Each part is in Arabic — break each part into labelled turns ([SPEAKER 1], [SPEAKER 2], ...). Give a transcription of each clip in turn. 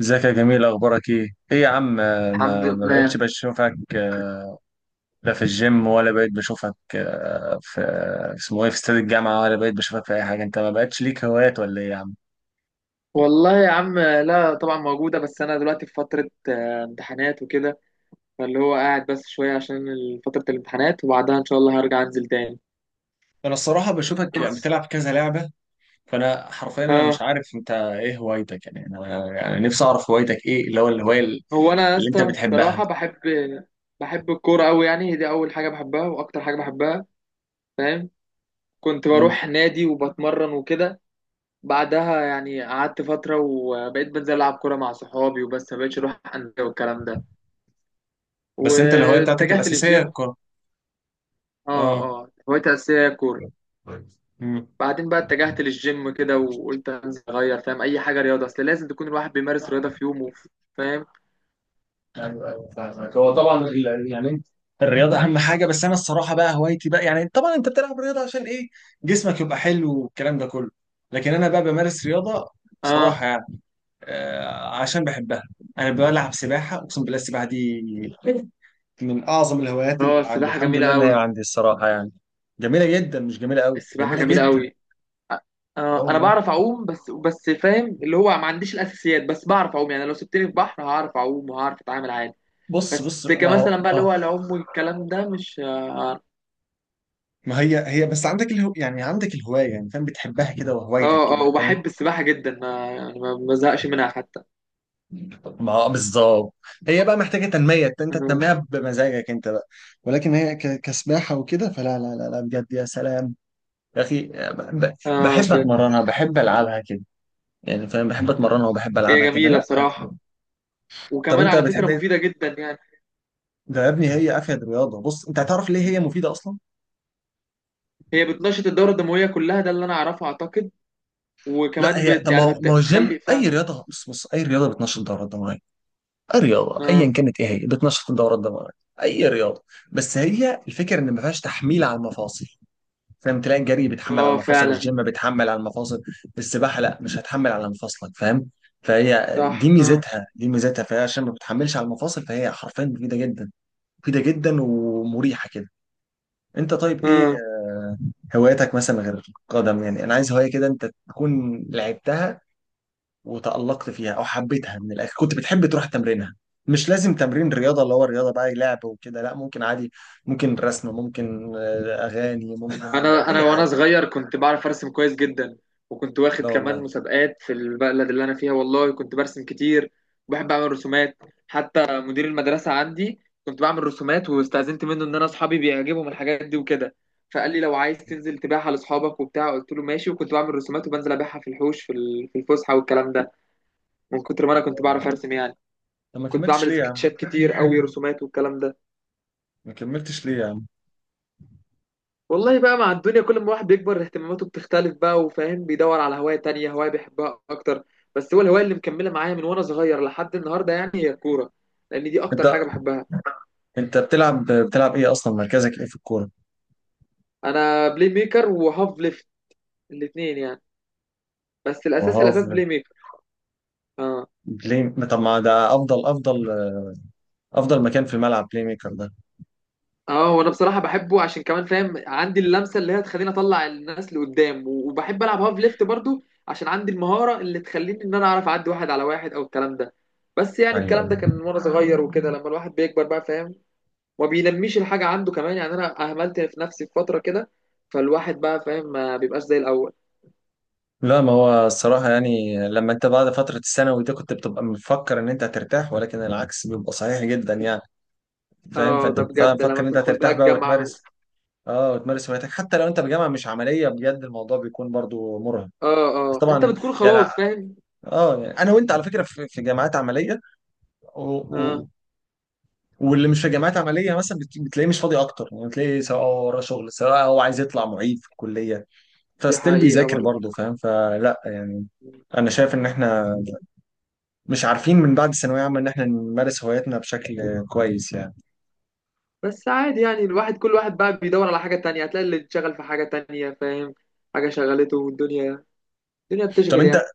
[SPEAKER 1] ازيك يا جميل؟ اخبارك ايه؟ ايه يا عم ما
[SPEAKER 2] الحمد
[SPEAKER 1] ما بقتش
[SPEAKER 2] لله.
[SPEAKER 1] بشوفك، لا في الجيم، ولا بقيت بشوفك، في اسمه ايه، في استاد الجامعه، ولا بقيت بشوفك في اي حاجه. انت ما بقتش ليك هوايات ولا ايه يا عم؟
[SPEAKER 2] والله يا عم، لا طبعا موجودة. بس أنا دلوقتي في فترة امتحانات وكده، فاللي هو قاعد بس شوية عشان فترة الامتحانات، وبعدها إن شاء الله هرجع أنزل تاني.
[SPEAKER 1] انا الصراحه بشوفك
[SPEAKER 2] بس
[SPEAKER 1] بتلعب كذا لعبه، فانا حرفيا مش
[SPEAKER 2] اه
[SPEAKER 1] عارف انت ايه هوايتك. يعني انا يعني نفسي اعرف هوايتك ايه، اللي هو الهوايه
[SPEAKER 2] هو أنا يا
[SPEAKER 1] اللي انت
[SPEAKER 2] اسطى
[SPEAKER 1] بتحبها.
[SPEAKER 2] بصراحة بحب الكورة أوي. يعني هي دي أول حاجة بحبها وأكتر حاجة بحبها، فاهم. كنت
[SPEAKER 1] مم.
[SPEAKER 2] بروح نادي وبتمرن وكده. بعدها يعني قعدت فترة وبقيت بنزل ألعب كورة مع صحابي وبس، ما بقتش أروح أندية والكلام ده،
[SPEAKER 1] بس انت الهوايه بتاعتك
[SPEAKER 2] واتجهت
[SPEAKER 1] الاساسيه
[SPEAKER 2] للجيم.
[SPEAKER 1] الكوره؟
[SPEAKER 2] اه.
[SPEAKER 1] اه.
[SPEAKER 2] اه، هوايتي الأساسية هي الكورة.
[SPEAKER 1] مم.
[SPEAKER 2] بعدين بقى اتجهت للجيم كده وقلت انزل اغير، فاهم، اي حاجه رياضه، اصل لازم تكون الواحد بيمارس رياضه في يومه، فاهم.
[SPEAKER 1] ايوه ايوه فاهمك. هو طبعا انت الرياضه اهم حاجه، بس انا الصراحه بقى هوايتي بقى، طبعا انت بتلعب رياضه عشان ايه؟ جسمك يبقى حلو والكلام ده كله، لكن انا بقى بمارس رياضه
[SPEAKER 2] اه.
[SPEAKER 1] بصراحه آه عشان بحبها. انا بلعب سباحه، اقسم بالله السباحه دي من اعظم الهوايات
[SPEAKER 2] اه،
[SPEAKER 1] اللي عندي،
[SPEAKER 2] السباحه
[SPEAKER 1] الحمد
[SPEAKER 2] جميله
[SPEAKER 1] لله انها
[SPEAKER 2] قوي.
[SPEAKER 1] عندي الصراحه يعني. جميله جدا، مش جميله قوي،
[SPEAKER 2] السباحه
[SPEAKER 1] جميله
[SPEAKER 2] جميله
[SPEAKER 1] جدا.
[SPEAKER 2] قوي.
[SPEAKER 1] اه
[SPEAKER 2] انا
[SPEAKER 1] والله.
[SPEAKER 2] بعرف اعوم، بس فاهم اللي هو ما عنديش الاساسيات، بس بعرف اعوم. يعني لو سبتني في بحر هعرف اعوم وهعرف اتعامل عادي.
[SPEAKER 1] بص
[SPEAKER 2] بس
[SPEAKER 1] بص، ما هو
[SPEAKER 2] كمثلا بقى اللي
[SPEAKER 1] اه
[SPEAKER 2] هو العوم والكلام ده مش اه
[SPEAKER 1] ما هي، هي بس عندك يعني عندك الهوايه، يعني فاهم بتحبها كده وهوايتك
[SPEAKER 2] اه آه،
[SPEAKER 1] كده، فاهم.
[SPEAKER 2] وبحب السباحه جدا. ما يعني ما بزهقش منها حتى.
[SPEAKER 1] ما هو بالظبط. هي بقى محتاجه تنميه، انت
[SPEAKER 2] اه
[SPEAKER 1] تنميها بمزاجك انت بقى، ولكن هي كسباحه وكده فلا لا لا لا، بجد يا سلام يا اخي. بحب
[SPEAKER 2] بجد.
[SPEAKER 1] اتمرنها، بحب العبها كده، يعني فاهم. بحب اتمرنها وبحب
[SPEAKER 2] هي
[SPEAKER 1] العبها كده،
[SPEAKER 2] جميله
[SPEAKER 1] لا.
[SPEAKER 2] بصراحه،
[SPEAKER 1] طب
[SPEAKER 2] وكمان
[SPEAKER 1] انت
[SPEAKER 2] على فكره
[SPEAKER 1] بتحب ايه
[SPEAKER 2] مفيده جدا يعني.
[SPEAKER 1] ده يا ابني؟ هي افيد رياضه. بص، انت هتعرف ليه هي مفيده اصلا.
[SPEAKER 2] هي بتنشط الدورة الدموية كلها، ده اللي أنا أعرفه أعتقد.
[SPEAKER 1] لا
[SPEAKER 2] وكمان
[SPEAKER 1] هي
[SPEAKER 2] بت
[SPEAKER 1] طب، ما
[SPEAKER 2] يعني
[SPEAKER 1] هو
[SPEAKER 2] بت
[SPEAKER 1] ما هو الجيم،
[SPEAKER 2] بتخلي فيها.
[SPEAKER 1] اي رياضه، بص بص، اي رياضه بتنشط الدوره الدمويه، اي رياضه
[SPEAKER 2] آه.
[SPEAKER 1] ايا كانت، ايه هي بتنشط الدوره الدمويه، اي رياضه. بس هي الفكره ان ما فيهاش تحميل على المفاصل، فاهم. تلاقي الجري بيتحمل على
[SPEAKER 2] آه،
[SPEAKER 1] مفاصل،
[SPEAKER 2] فعلا.
[SPEAKER 1] الجيم بيتحمل على المفاصل، السباحه لا، مش هتحمل على مفاصلك، فاهم. فهي دي
[SPEAKER 2] صح. آه.
[SPEAKER 1] ميزتها، دي ميزتها، فهي عشان ما بتحملش على المفاصل، فهي حرفيا مفيده جدا، مفيده جدا ومريحه كده. انت طيب ايه
[SPEAKER 2] آه
[SPEAKER 1] هواياتك مثلا غير القدم؟ يعني انا عايز هوايه كده انت تكون لعبتها وتألقت فيها، او حبيتها من الاخر كنت بتحب تروح تمرينها. مش لازم تمرين رياضه، اللي هو الرياضه بقى لعب وكده، لا، ممكن عادي. ممكن رسم، ممكن اغاني، ممكن
[SPEAKER 2] أنا أنا
[SPEAKER 1] اي
[SPEAKER 2] وأنا
[SPEAKER 1] حاجه.
[SPEAKER 2] صغير كنت بعرف أرسم كويس جدا، وكنت واخد
[SPEAKER 1] لا
[SPEAKER 2] كمان
[SPEAKER 1] والله.
[SPEAKER 2] مسابقات في البلد اللي أنا فيها. والله كنت برسم كتير وبحب أعمل رسومات. حتى مدير المدرسة عندي كنت بعمل رسومات، واستأذنت منه إن أنا أصحابي بيعجبهم الحاجات دي وكده، فقال لي لو عايز تنزل تبيعها لأصحابك وبتاع. قلت له ماشي، وكنت بعمل رسومات وبنزل أبيعها في الحوش، في الفسحة والكلام ده، من كتر ما انا كنت بعرف ارسم يعني.
[SPEAKER 1] طب ما
[SPEAKER 2] كنت
[SPEAKER 1] كملتش
[SPEAKER 2] بعمل
[SPEAKER 1] ليه يا عم؟
[SPEAKER 2] سكتشات كتير قوي، رسومات والكلام ده.
[SPEAKER 1] ما كملتش ليه يا عم؟
[SPEAKER 2] والله بقى مع الدنيا، كل ما الواحد بيكبر اهتماماته بتختلف بقى، وفاهم بيدور على هواية تانية، هواية بيحبها اكتر. بس هو الهواية اللي مكملة معايا من وانا صغير لحد النهاردة يعني هي الكورة، لان دي
[SPEAKER 1] انت
[SPEAKER 2] اكتر حاجة بحبها.
[SPEAKER 1] انت بتلعب، بتلعب ايه، اصلا مركزك ايه في الكوره؟
[SPEAKER 2] انا بلاي ميكر وهاف ليفت، الاتنين يعني. بس الاساس
[SPEAKER 1] وهاف؟
[SPEAKER 2] الاساس بلاي ميكر. اه.
[SPEAKER 1] بلاي ما- طب ما ده افضل، افضل مكان في الملعب بلاي ميكر ده.
[SPEAKER 2] اه، وانا بصراحه بحبه عشان كمان فاهم عندي اللمسه اللي هي تخليني اطلع الناس لقدام، وبحب العب هاف ليفت برضو عشان عندي المهاره اللي تخليني ان انا اعرف اعدي واحد على واحد او الكلام ده. بس يعني
[SPEAKER 1] ايوه
[SPEAKER 2] الكلام ده
[SPEAKER 1] ايوه.
[SPEAKER 2] كان وانا صغير وكده، لما الواحد بيكبر بقى، فاهم، ما بينميش الحاجه عنده كمان. يعني انا اهملت في نفسي في فتره كده، فالواحد بقى فاهم ما بيبقاش زي الاول.
[SPEAKER 1] لا ما هو الصراحه يعني، لما انت بعد فتره الثانوي دي كنت بتبقى مفكر ان انت هترتاح، ولكن العكس بيبقى صحيح جدا يعني، فاهم.
[SPEAKER 2] اه،
[SPEAKER 1] فانت
[SPEAKER 2] ده
[SPEAKER 1] بتبقى
[SPEAKER 2] بجد
[SPEAKER 1] مفكر
[SPEAKER 2] لما
[SPEAKER 1] ان انت
[SPEAKER 2] بتدخل بقى
[SPEAKER 1] هترتاح بقى
[SPEAKER 2] الجامعه.
[SPEAKER 1] وتمارس. اه وتمارس هواياتك حتى لو انت بجامعه مش عمليه، بجد الموضوع بيكون برضو مرهق.
[SPEAKER 2] اه.
[SPEAKER 1] بس
[SPEAKER 2] اه، انت
[SPEAKER 1] طبعا يعني.
[SPEAKER 2] بتكون خلاص فاهم.
[SPEAKER 1] اه يعني انا وانت على فكره في في جامعات عمليه، و-
[SPEAKER 2] اه،
[SPEAKER 1] و- واللي مش في جامعات عمليه مثلا بتلاقيه مش فاضي اكتر، يعني بتلاقيه سواء هو وراه شغل، سواء هو عايز يطلع معيد في الكليه،
[SPEAKER 2] دي
[SPEAKER 1] فستيل
[SPEAKER 2] حقيقه
[SPEAKER 1] بيذاكر
[SPEAKER 2] برضو.
[SPEAKER 1] برضه، فاهم، فلا يعني. انا شايف ان احنا مش عارفين من بعد الثانويه عامه ان احنا نمارس هواياتنا بشكل كويس يعني.
[SPEAKER 2] بس عادي يعني الواحد، كل واحد بقى بيدور على حاجة تانية، هتلاقي اللي اتشغل في حاجة تانية، فاهم، حاجة شغلته. والدنيا، الدنيا
[SPEAKER 1] طب
[SPEAKER 2] بتشغل
[SPEAKER 1] انت
[SPEAKER 2] يعني.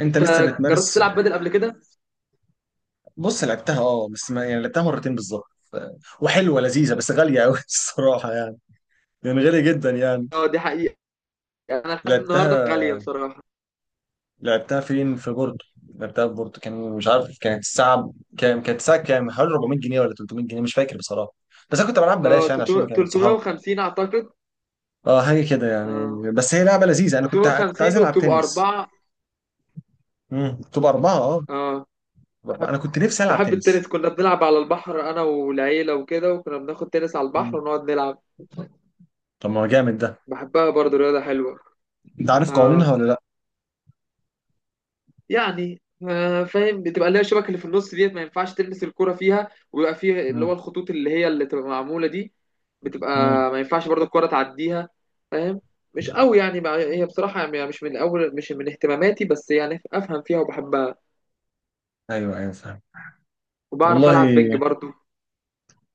[SPEAKER 1] انت
[SPEAKER 2] انت
[SPEAKER 1] لسه
[SPEAKER 2] جربت
[SPEAKER 1] بتمارس؟
[SPEAKER 2] تلعب بدل قبل كده؟
[SPEAKER 1] بص لعبتها اه، بس ما يعني لعبتها مرتين بالظبط، ف- وحلوه لذيذه بس غاليه قوي الصراحه يعني، يعني غاليه جدا يعني.
[SPEAKER 2] اه، دي حقيقة. انا لحد النهاردة
[SPEAKER 1] لعبتها،
[SPEAKER 2] غالية بصراحة.
[SPEAKER 1] لعبتها فين؟ في بورتو. لعبتها في بورتو، كان مش عارف كانت الساعة كام، كانت الساعة كام، حوالي 400 جنيه ولا 300 جنيه مش فاكر بصراحة، بس انا كنت بلعب
[SPEAKER 2] اه،
[SPEAKER 1] بلاش يعني عشان كانت صحابي.
[SPEAKER 2] 350 اعتقد.
[SPEAKER 1] اه حاجة كده
[SPEAKER 2] اه،
[SPEAKER 1] يعني، بس هي لعبة لذيذة. انا كنت كنت عايز
[SPEAKER 2] 350
[SPEAKER 1] العب
[SPEAKER 2] وبتبقى
[SPEAKER 1] تنس.
[SPEAKER 2] أربعة.
[SPEAKER 1] تبقى أربعة اه.
[SPEAKER 2] اه،
[SPEAKER 1] بأربعة.
[SPEAKER 2] بحب
[SPEAKER 1] انا كنت نفسي العب
[SPEAKER 2] بحب التنس.
[SPEAKER 1] تنس.
[SPEAKER 2] كنا بنلعب على البحر انا والعيلة وكده، وكنا بناخد تنس على البحر
[SPEAKER 1] مم.
[SPEAKER 2] ونقعد نلعب.
[SPEAKER 1] طب ما هو جامد ده.
[SPEAKER 2] بحبها برضه، رياضة حلوة.
[SPEAKER 1] انت عارف
[SPEAKER 2] اه،
[SPEAKER 1] قوانينها ولا لا؟
[SPEAKER 2] يعني فاهم بتبقى اللي هي الشبكه اللي في النص، ديت ما ينفعش تلمس الكرة فيها، ويبقى فيه اللي هو
[SPEAKER 1] مم.
[SPEAKER 2] الخطوط اللي هي اللي تبقى معمولة دي. بتبقى،
[SPEAKER 1] مم.
[SPEAKER 2] ما ينفعش برضه الكرة تعديها، فاهم. مش قوي يعني هي بصراحة يعني مش من أول، مش من اهتماماتي، بس يعني أفهم فيها وبحبها.
[SPEAKER 1] ايوه ايوه فاهم.
[SPEAKER 2] وبعرف
[SPEAKER 1] والله.
[SPEAKER 2] ألعب بينج برضه.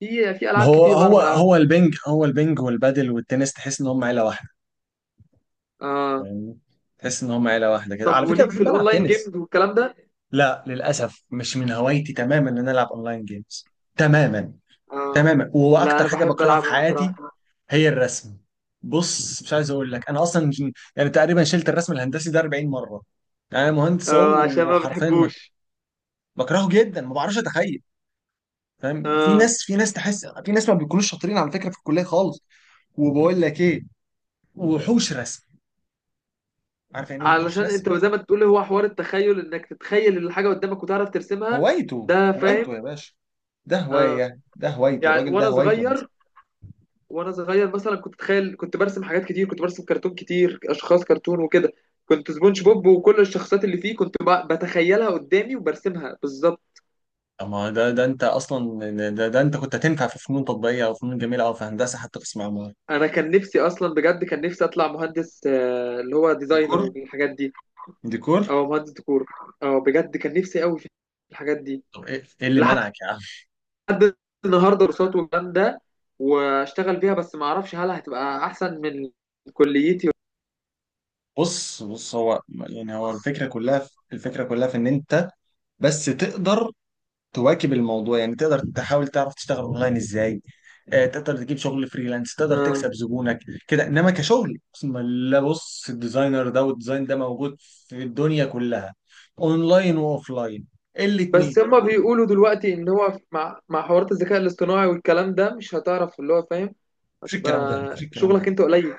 [SPEAKER 2] في
[SPEAKER 1] ما
[SPEAKER 2] ألعاب
[SPEAKER 1] هو
[SPEAKER 2] كتير
[SPEAKER 1] هو
[SPEAKER 2] بعرف
[SPEAKER 1] هو
[SPEAKER 2] ألعبها.
[SPEAKER 1] البنج، هو البنج والبادل والتنس، تحس ان هم عيلة واحدة
[SPEAKER 2] آه،
[SPEAKER 1] يعني، تحس ان هم عيلة واحدة كده،
[SPEAKER 2] طب
[SPEAKER 1] على فكرة
[SPEAKER 2] وليك في
[SPEAKER 1] بحب العب
[SPEAKER 2] الأونلاين
[SPEAKER 1] تنس.
[SPEAKER 2] جيمز والكلام ده؟
[SPEAKER 1] لا للأسف مش من هوايتي تماما إن أنا ألعب أونلاين جيمز، تماما،
[SPEAKER 2] آه،
[SPEAKER 1] تماما،
[SPEAKER 2] لا
[SPEAKER 1] وأكتر
[SPEAKER 2] أنا
[SPEAKER 1] حاجة
[SPEAKER 2] بحب
[SPEAKER 1] بكرهها في
[SPEAKER 2] ألعبها
[SPEAKER 1] حياتي
[SPEAKER 2] بصراحة.
[SPEAKER 1] هي الرسم. بص مش عايز أقول لك، أنا أصلا تقريبا شلت الرسم الهندسي ده 40 مرة، يعني أنا مهندس
[SPEAKER 2] آه، عشان
[SPEAKER 1] أهو،
[SPEAKER 2] ما
[SPEAKER 1] وحرفيا ما
[SPEAKER 2] بتحبوش.
[SPEAKER 1] بكرهه جدا، ما بعرفش أتخيل، فاهم. في
[SPEAKER 2] اه،
[SPEAKER 1] ناس، تحس في ناس ما بيكونوش شاطرين على فكرة في الكلية خالص، وبقول لك إيه، وحوش رسم. عارف يعني إيه وحوش
[SPEAKER 2] علشان
[SPEAKER 1] رسم؟
[SPEAKER 2] انت زي ما تقول هو حوار التخيل، انك تتخيل الحاجه قدامك وتعرف ترسمها،
[SPEAKER 1] هوايته،
[SPEAKER 2] ده فاهم.
[SPEAKER 1] هوايته يا باشا، ده
[SPEAKER 2] اه،
[SPEAKER 1] هواية، ده هوايته،
[SPEAKER 2] يعني
[SPEAKER 1] الراجل ده
[SPEAKER 2] وانا
[SPEAKER 1] هوايته الرسم.
[SPEAKER 2] صغير، مثلا كنت اتخيل، كنت برسم حاجات كتير، كنت برسم كرتون كتير، اشخاص كرتون وكده. كنت سبونج بوب وكل الشخصيات اللي فيه كنت بتخيلها قدامي وبرسمها بالظبط.
[SPEAKER 1] اما ده، ده انت كنت هتنفع في فنون تطبيقيه، او فنون جميله، او في هندسه، حتى قسم عمارة.
[SPEAKER 2] انا كان نفسي اصلا بجد، كان نفسي اطلع مهندس، اللي هو ديزاينر
[SPEAKER 1] ديكور،
[SPEAKER 2] والحاجات دي،
[SPEAKER 1] ديكور.
[SPEAKER 2] او مهندس ديكور. اه بجد كان نفسي قوي في الحاجات دي
[SPEAKER 1] طب ايه، إيه اللي منعك يا عم؟
[SPEAKER 2] لحد النهارده، كورسات والكلام ده، واشتغل بيها، بس ما اعرفش هل هتبقى احسن من كليتي.
[SPEAKER 1] بص بص، هو الفكره كلها، الفكره كلها في ان انت بس تقدر تواكب الموضوع، يعني تقدر تحاول تعرف تشتغل اونلاين ازاي، تقدر تجيب شغل فريلانس، تقدر
[SPEAKER 2] آه.
[SPEAKER 1] تكسب زبونك كده. انما كشغل بسم الله، بص الديزاينر ده والديزاين ده موجود في الدنيا كلها، اونلاين واوفلاين،
[SPEAKER 2] بس
[SPEAKER 1] الاتنين.
[SPEAKER 2] هما بيقولوا دلوقتي ان هو مع حوارات الذكاء الاصطناعي والكلام ده مش هتعرف اللي هو فاهم،
[SPEAKER 1] مفيش
[SPEAKER 2] هتبقى
[SPEAKER 1] الكلام ده مفيش الكلام
[SPEAKER 2] شغلك
[SPEAKER 1] ده
[SPEAKER 2] انت قليل.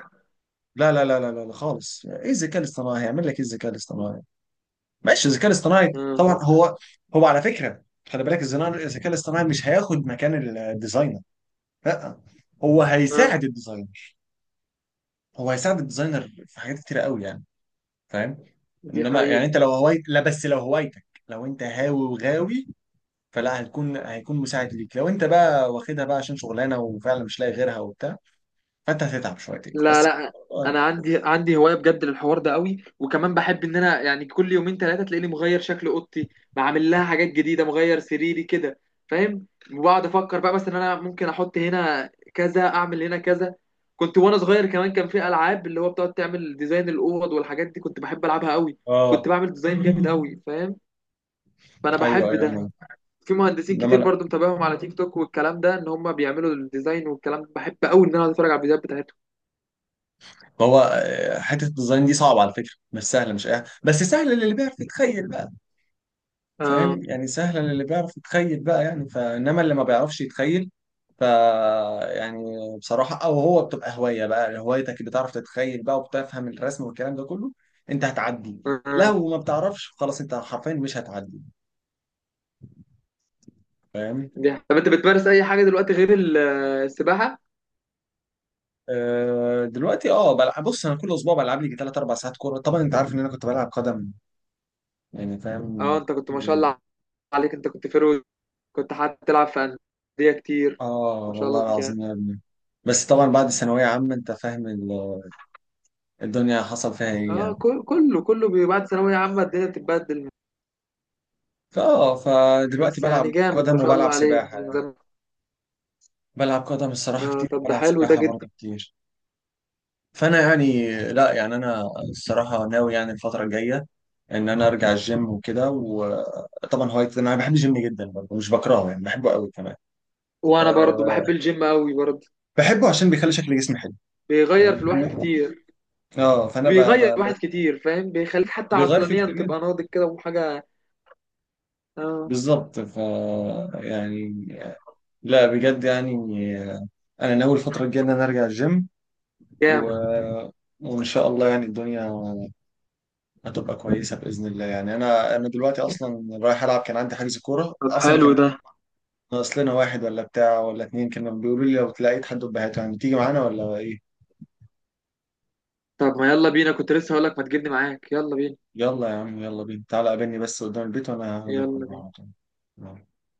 [SPEAKER 1] لا لا لا لا لا لا خالص، ايه الذكاء الاصطناعي هيعمل لك، ايه الذكاء الاصطناعي. ماشي الذكاء الاصطناعي
[SPEAKER 2] آه.
[SPEAKER 1] طبعا هو، هو على فكره خلي بالك، الذكاء الاصطناعي مش هياخد مكان الديزاينر، لا هو هيساعد
[SPEAKER 2] آه.
[SPEAKER 1] الديزاينر، هو هيساعد الديزاينر في حاجات كتيره قوي يعني، فاهم.
[SPEAKER 2] دي
[SPEAKER 1] انما يعني
[SPEAKER 2] حقيقة.
[SPEAKER 1] انت لو هوايت لا بس لو هوايتك، لو انت هاوي وغاوي، فلا هيكون، هيكون مساعد ليك. لو انت بقى واخدها بقى عشان شغلانه وفعلا مش لاقي غيرها وبتاع، فانت هتتعب شويتين
[SPEAKER 2] لا
[SPEAKER 1] بس.
[SPEAKER 2] لا،
[SPEAKER 1] اه.
[SPEAKER 2] انا عندي هوايه بجد للحوار ده قوي، وكمان بحب ان انا يعني كل يومين ثلاثه تلاقيني مغير شكل اوضتي، بعمل لها حاجات جديده، مغير سريري كده، فاهم. وبقعد افكر بقى مثلا، انا ممكن احط هنا كذا، اعمل هنا كذا. كنت وانا صغير كمان كان في العاب اللي هو بتقعد تعمل ديزاين الاوض والحاجات دي، كنت بحب العبها قوي. كنت
[SPEAKER 1] آه.
[SPEAKER 2] بعمل ديزاين جامد قوي، فاهم. فانا
[SPEAKER 1] ايوه
[SPEAKER 2] بحب ده.
[SPEAKER 1] ايوه.
[SPEAKER 2] في مهندسين
[SPEAKER 1] انما
[SPEAKER 2] كتير
[SPEAKER 1] لا
[SPEAKER 2] برضو متابعهم على تيك توك والكلام ده، ان هم بيعملوا الديزاين والكلام ده، بحب قوي ان انا أقعد اتفرج على الفيديوهات بتاعتهم.
[SPEAKER 1] ما هو، حته الديزاين دي صعبه على فكره، مش سهله، مش اي بس سهله للي بيعرف يتخيل بقى،
[SPEAKER 2] اه.
[SPEAKER 1] فاهم، يعني سهله للي بيعرف يتخيل بقى، يعني فانما اللي ما بيعرفش يتخيل ف يعني بصراحه، او هو بتبقى هوايه بقى، هوايتك اللي بتعرف تتخيل بقى وبتفهم الرسم والكلام ده كله، انت هتعدي.
[SPEAKER 2] آه.
[SPEAKER 1] لو ما بتعرفش خلاص، انت حرفيا مش هتعدي، فاهم.
[SPEAKER 2] طب انت بتمارس اي حاجه دلوقتي غير السباحه؟
[SPEAKER 1] أه دلوقتي اه بلعب، بص انا كل اسبوع بلعب لي 3 4 ساعات كوره، طبعا انت عارف ان انا كنت بلعب قدم، يعني
[SPEAKER 2] اه،
[SPEAKER 1] فاهم،
[SPEAKER 2] انت كنت ما
[SPEAKER 1] كتير
[SPEAKER 2] شاء
[SPEAKER 1] يعني.
[SPEAKER 2] الله عليك، انت كنت كنت حتى تلعب في انديه كتير،
[SPEAKER 1] اه
[SPEAKER 2] ما شاء
[SPEAKER 1] والله
[SPEAKER 2] الله عليك يعني.
[SPEAKER 1] العظيم يا ابني، بس طبعا بعد ثانوية عامة انت فاهم الدنيا حصل فيها ايه
[SPEAKER 2] اه،
[SPEAKER 1] يعني.
[SPEAKER 2] كله كله بعد ثانويه عامه الدنيا بتتبدل.
[SPEAKER 1] فدلوقتي
[SPEAKER 2] بس يعني
[SPEAKER 1] بلعب
[SPEAKER 2] جامد،
[SPEAKER 1] قدم
[SPEAKER 2] ما شاء
[SPEAKER 1] وبلعب
[SPEAKER 2] الله عليك
[SPEAKER 1] سباحة
[SPEAKER 2] من
[SPEAKER 1] يعني،
[SPEAKER 2] زمان.
[SPEAKER 1] بلعب قدم الصراحة
[SPEAKER 2] اه،
[SPEAKER 1] كتير،
[SPEAKER 2] طب ده
[SPEAKER 1] وبلعب
[SPEAKER 2] حلو ده
[SPEAKER 1] سباحة
[SPEAKER 2] جدا.
[SPEAKER 1] برضه كتير، فانا يعني، لا يعني انا الصراحة ناوي يعني الفترة الجاية ان انا ارجع الجيم وكده، وطبعا هوايتي انا بحب الجيم جدا برضه، مش بكرهه يعني، بحبه قوي كمان.
[SPEAKER 2] وانا برضو بحب
[SPEAKER 1] آه،
[SPEAKER 2] الجيم قوي برضو.
[SPEAKER 1] بحبه عشان بيخلي شكل جسمي حلو،
[SPEAKER 2] بيغير
[SPEAKER 1] فاهم
[SPEAKER 2] في الواحد كتير.
[SPEAKER 1] اه فانا
[SPEAKER 2] بيغير الواحد كتير، فاهم، بيخليك حتى
[SPEAKER 1] بيغير فيه
[SPEAKER 2] عقلانيا
[SPEAKER 1] كتير جدا،
[SPEAKER 2] تبقى ناضج كده وحاجه. اه
[SPEAKER 1] بالظبط ف يعني لا بجد يعني انا ناوي الفتره الجايه ان انا ارجع الجيم و...
[SPEAKER 2] جامد.
[SPEAKER 1] وان شاء الله يعني الدنيا هتبقى كويسه باذن الله يعني. انا دلوقتي اصلا رايح العب، كان عندي حجز كوره
[SPEAKER 2] طب
[SPEAKER 1] اصلا،
[SPEAKER 2] حلو
[SPEAKER 1] كان
[SPEAKER 2] ده.
[SPEAKER 1] ناقص لنا واحد ولا بتاع ولا اتنين، كانوا بيقولوا لي لو تلاقيت حد بهاته يعني تيجي معانا ولا ايه.
[SPEAKER 2] طب ما يلا بينا، كنت لسه هقول لك ما تجيبني معاك، يلا بينا.
[SPEAKER 1] يلا يا عم، يلا بينا، تعالى قابلني بس قدام البيت وانا هاخدك
[SPEAKER 2] يلا بينا.
[SPEAKER 1] معانا.